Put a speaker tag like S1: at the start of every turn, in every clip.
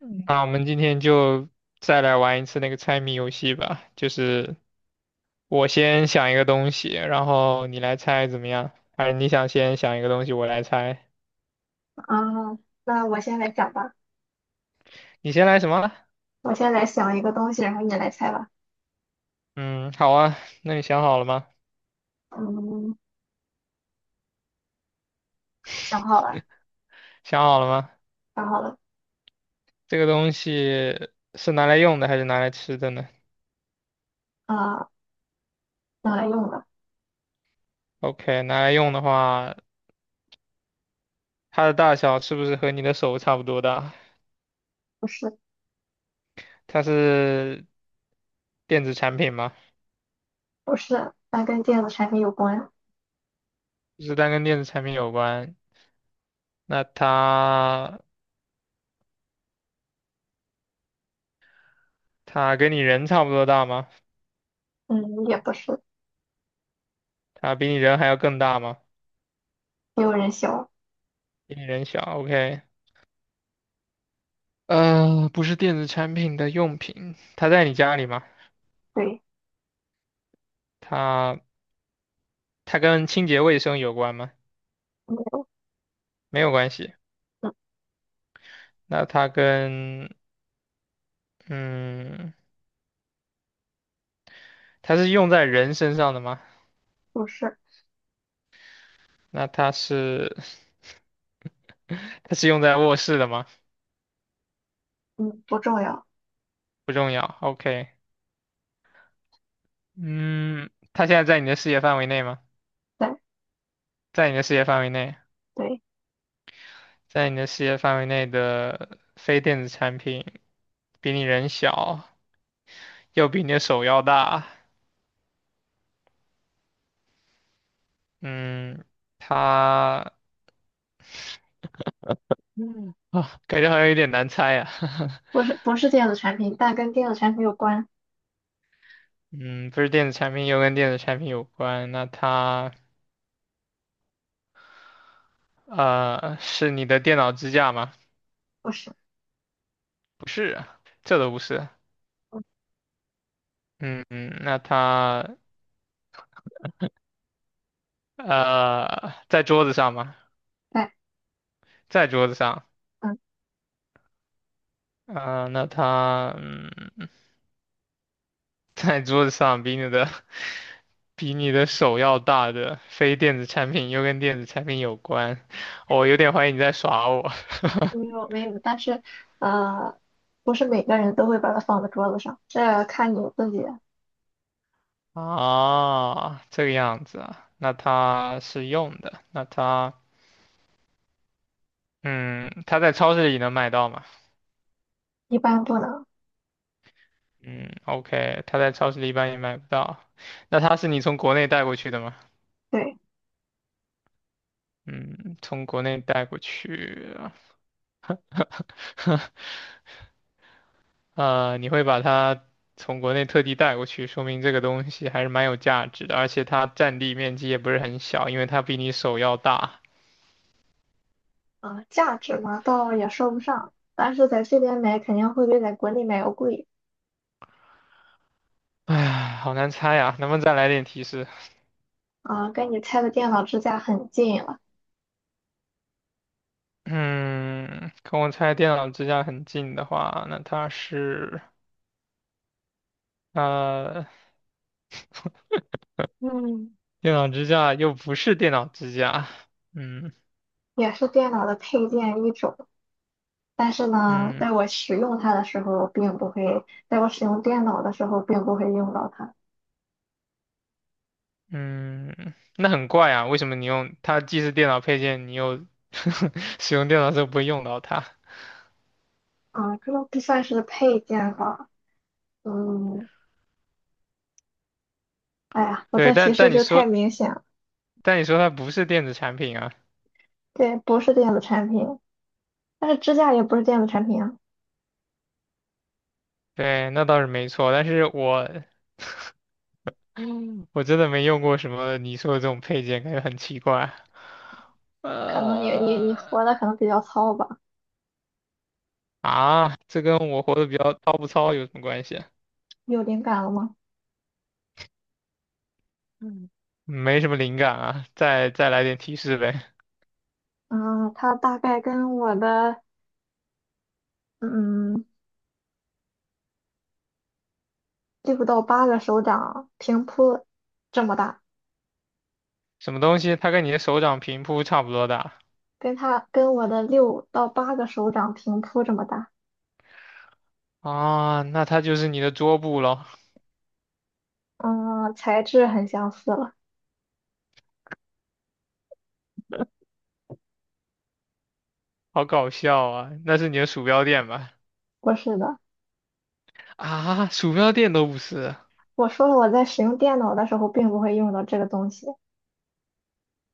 S1: 嗯那我们今天就再来玩一次那个猜谜游戏吧，就是我先想一个东西，然后你来猜怎么样？还是你想先想一个东西，我来猜？
S2: 啊，那我先来讲吧，
S1: 你先来什么？
S2: 我先来想一个东西，然后你来猜吧。
S1: 嗯，好啊，那你想好了吗？
S2: 嗯，想好了，
S1: 想好了吗？
S2: 想好了，
S1: 这个东西是拿来用的还是拿来吃的呢
S2: 啊、用来用的，
S1: ？OK，拿来用的话，它的大小是不是和你的手差不多大？
S2: 不是，
S1: 它是电子产品吗？
S2: 不是，它跟电子产品有关，
S1: 就是它跟电子产品有关，那它。它跟你人差不多大吗？
S2: 嗯，也不是，
S1: 它比你人还要更大吗？
S2: 也有人想。
S1: 比你人小，OK。不是电子产品的用品，它在你家里吗？
S2: 对，
S1: 它它跟清洁卫生有关吗？
S2: 没有，
S1: 没有关系。
S2: 嗯，
S1: 那它跟嗯，它是用在人身上的吗？
S2: 不是，
S1: 那它是 它是用在卧室的吗？
S2: 嗯，不重要，
S1: 不重要，OK。嗯，它现在在你的视野范围内吗？
S2: 对，
S1: 在你的视野范围内。
S2: 对，
S1: 在你的视野范围内的非电子产品比你人小，又比你的手要大，嗯，它嗯啊，感觉好像有点难猜啊。
S2: 不是，不是电子产品，但跟电子产品有关，
S1: 嗯，不是电子产品，又跟电子产品有关，那它是你的电脑支架吗？
S2: 不是，
S1: 不是啊这都不是。
S2: 嗯，
S1: 嗯，那它在桌子上吗？
S2: 对，
S1: 在桌子上。
S2: 嗯，
S1: 啊、那它嗯在桌子上比你的 比你的手要大的非电子产品，又跟电子产品有关，哦我有点怀疑你在耍我。
S2: 没有，没有，但是，呃，不是每个人都会把它放在桌子上，这看你自己，
S1: 啊，这个样子啊，那它是用的，那它，嗯，它在超市里能买到吗？
S2: 一般不能，
S1: 嗯，OK，它在超市里一般也买不到。那它是你从国内带过去的吗？
S2: 对。
S1: 嗯，从国内带过去啊，你会把它从国内特地带过去，说明这个东西还是蛮有价值的，而且它占地面积也不是很小，因为它比你手要大。
S2: 啊，价值嘛，倒也说不上，但是在这边买肯定会比在国内买要贵
S1: 唉，好难猜呀，能不能再来点提示？
S2: 啊，跟你拆的电脑支架很近了，
S1: 嗯，跟我猜电脑支架很近的话，那它是呃，嗯，电脑支架又不是电脑支架，嗯
S2: 也是电脑的配件一种。但是呢，
S1: 嗯
S2: 在我使用它的时候，并不会，在我使用电脑的时候，并不会用到它。
S1: 嗯，那很怪啊，为什么你用它既是电脑配件，你又 使用电脑的时候不会用到它？
S2: 啊，这都不算是配件吧？嗯，哎呀，我
S1: 对，
S2: 这提
S1: 但
S2: 示
S1: 但你
S2: 就太
S1: 说，
S2: 明显了，
S1: 但你说它不是电子产品啊，
S2: 对，不是电子产品，但是支架也不是电子产品啊。
S1: 对，那倒是没错。但是我，我真的没用过什么你说的这种配件，感觉很奇怪。
S2: 可能你
S1: 呃，
S2: 活的可能比较糙吧？
S1: 啊，这跟我活得比较糙不糙有什么关系啊。
S2: 有灵感了吗？
S1: 嗯，没什么灵感啊，再来点提示呗。
S2: 嗯，它大概跟我的嗯六到八个手掌平铺这么大，
S1: 什么东西它跟你的手掌平铺差不多大
S2: 跟我的六到八个手掌平铺这么大。
S1: 啊？那它就是你的桌布咯，
S2: 嗯，材质很相似了。
S1: 好搞笑啊！那是你的鼠标垫吧？
S2: 不是的，
S1: 啊，鼠标垫都不是，
S2: 我说了我在使用电脑的时候并不会用到这个东西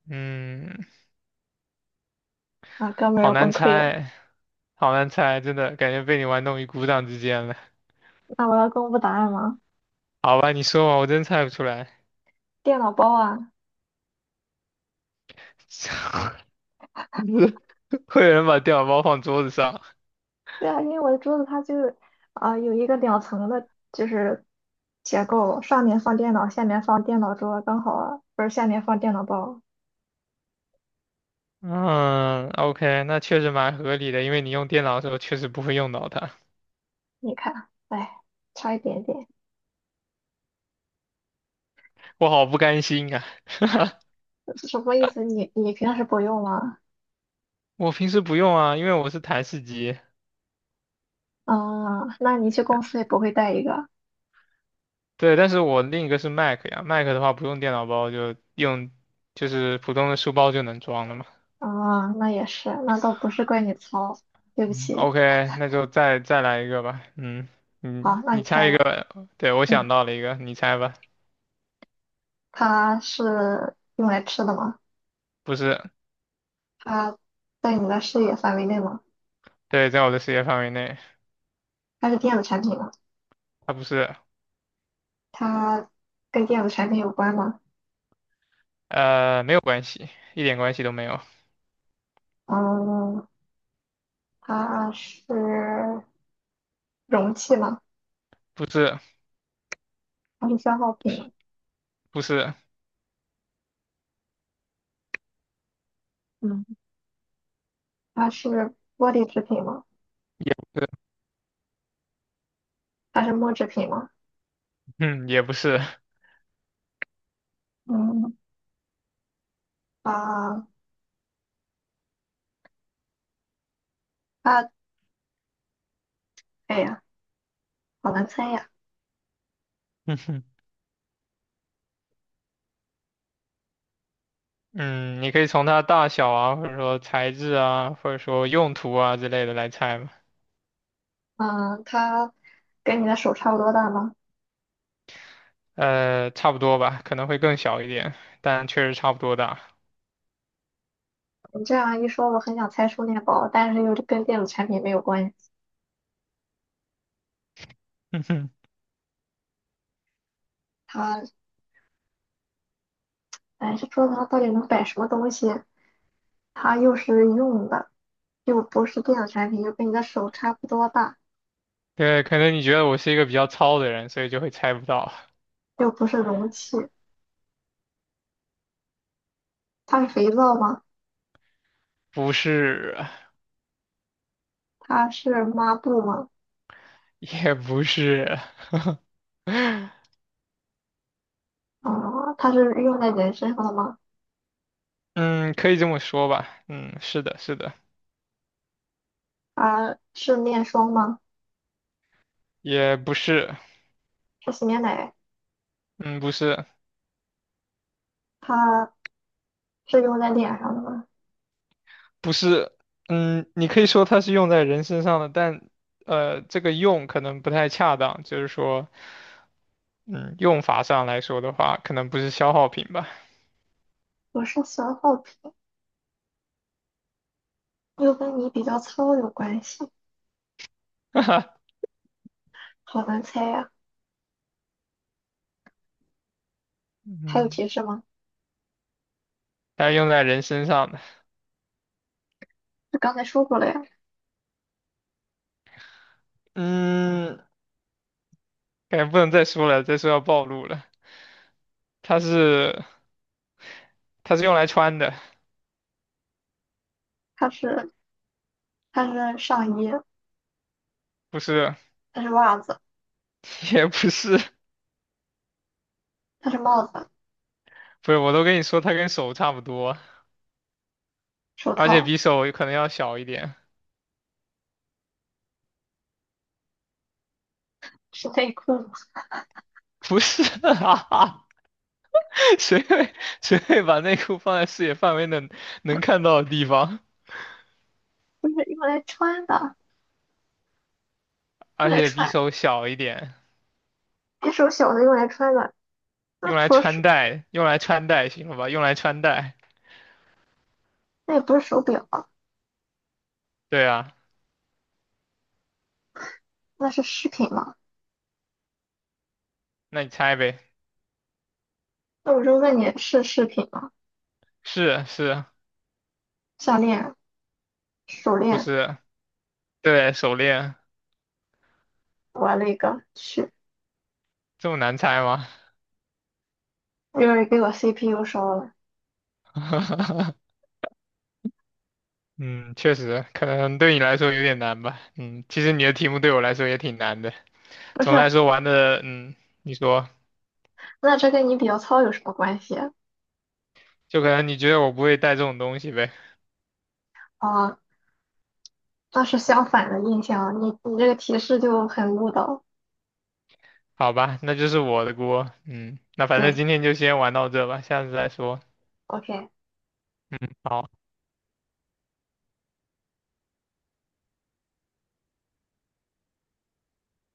S1: 嗯，
S2: 啊，哥们儿
S1: 好
S2: 要
S1: 难
S2: 崩溃了。
S1: 猜，好难猜，真的感觉被你玩弄于股掌之间了。
S2: 那我要公布答案吗？
S1: 好吧，你说吧，我真猜不出来。
S2: 电脑包啊，
S1: 会有人把电脑包放桌子上？
S2: 对啊，因为我的桌子它就是有一个两层的，就是结构，上面放电脑，下面放电脑桌，刚好不是下面放电脑包。
S1: 嗯，OK，那确实蛮合理的，因为你用电脑的时候确实不会用到它。
S2: 你看，哎，差一点点，
S1: 我好不甘心啊！
S2: 什么意思？你平时不用吗？
S1: 我平时不用啊，因为我是台式机。
S2: 啊，那你去公司也不会带一个
S1: 对，但是我另一个是 Mac 呀，Mac 的话不用电脑包，就用就是普通的书包就能装了嘛。
S2: 啊？那也是，那倒不是怪你糙，对不起。
S1: OK，那就再来一个吧。嗯，
S2: 好，
S1: 嗯，
S2: 那你
S1: 你猜
S2: 猜
S1: 一
S2: 吧。
S1: 个。对，我想
S2: 嗯，
S1: 到了一个，你猜吧。
S2: 它是用来吃的吗？
S1: 不是，
S2: 它在你的视野范围内吗？
S1: 对，在我的视野范围内，
S2: 它是电子产品吗？
S1: 它不是，
S2: 它跟电子产品有关吗？
S1: 呃，没有关系，一点关系都没有。
S2: 嗯，它是容器吗？
S1: 不是，
S2: 它是消耗品吗？
S1: 不是，
S2: 嗯，它是玻璃制品吗？
S1: 也不是，
S2: 它是木制品吗？
S1: 嗯，也不是。
S2: 嗯啊，啊！哎呀，好难猜呀。
S1: 嗯，你可以从它大小啊，或者说材质啊，或者说用途啊之类的来猜嘛。
S2: 嗯，它跟你的手差不多大吗？
S1: 呃，差不多吧，可能会更小一点，但确实差不多大。
S2: 你这样一说，我很想猜充电宝，但是又跟电子产品没有关系。它，哎，这桌子上到底能摆什么东西？它又是用的，又不是电子产品，又跟你的手差不多大，
S1: 对，可能你觉得我是一个比较糙的人，所以就会猜不到。
S2: 又不是容器。它是肥皂吗？
S1: 不是，
S2: 它是抹布吗？
S1: 也不是，
S2: 它是用在人身上的吗？
S1: 嗯，可以这么说吧，嗯，是的，是的，
S2: 它是面霜吗？
S1: 也不是，
S2: 是洗面奶？
S1: 嗯，不是，
S2: 它是用在脸上的吗？
S1: 不是，嗯，你可以说它是用在人身上的，但这个用可能不太恰当，就是说，嗯，用法上来说的话，可能不是消耗品吧，
S2: 我是喜耗，品又跟你比较糙有关系，
S1: 哈哈，
S2: 好难猜呀。还有
S1: 嗯，
S2: 提示吗？
S1: 它是用在人身上的，
S2: 就刚才说过了呀，
S1: 嗯，感觉不能再说了，再说要暴露了，它是，它是用来穿的，
S2: 它是它是上衣，
S1: 不是，
S2: 它是袜子，
S1: 也不是。
S2: 它是帽子、
S1: 不是，我都跟你说，它跟手差不多，
S2: 手
S1: 而且
S2: 套，
S1: 比手可能要小一点。
S2: 是内裤吗？
S1: 不是啊，谁会谁会把内裤放在视野范围能看到的地方？
S2: 不是用来穿的，
S1: 而
S2: 用来
S1: 且比
S2: 穿，
S1: 手小一点，
S2: 别手小的用来穿的。那
S1: 用来
S2: 除了手，
S1: 穿戴，用来穿戴，行了吧？用来穿戴。
S2: 那也不是手表啊，
S1: 对啊，
S2: 那是饰品吗？
S1: 那你猜呗，
S2: 那我就问你是饰品吗？
S1: 是
S2: 项链、手
S1: 不
S2: 链，
S1: 是？对，手链
S2: 我了个，去，
S1: 这么难猜吗？
S2: 又是给我 CPU 烧了。
S1: 嗯，确实，可能对你来说有点难吧。嗯，其实你的题目对我来说也挺难的。
S2: 不
S1: 总的来
S2: 是，
S1: 说玩的，嗯，你说，
S2: 那这跟你比较糙有什么关系啊？
S1: 就可能你觉得我不会带这种东西呗？
S2: 啊倒是相反的印象，你这个提示就很误导。
S1: 好吧，那就是我的锅。嗯，那反正
S2: 对
S1: 今天就先玩到这吧，下次再说。
S2: ，OK，
S1: 好。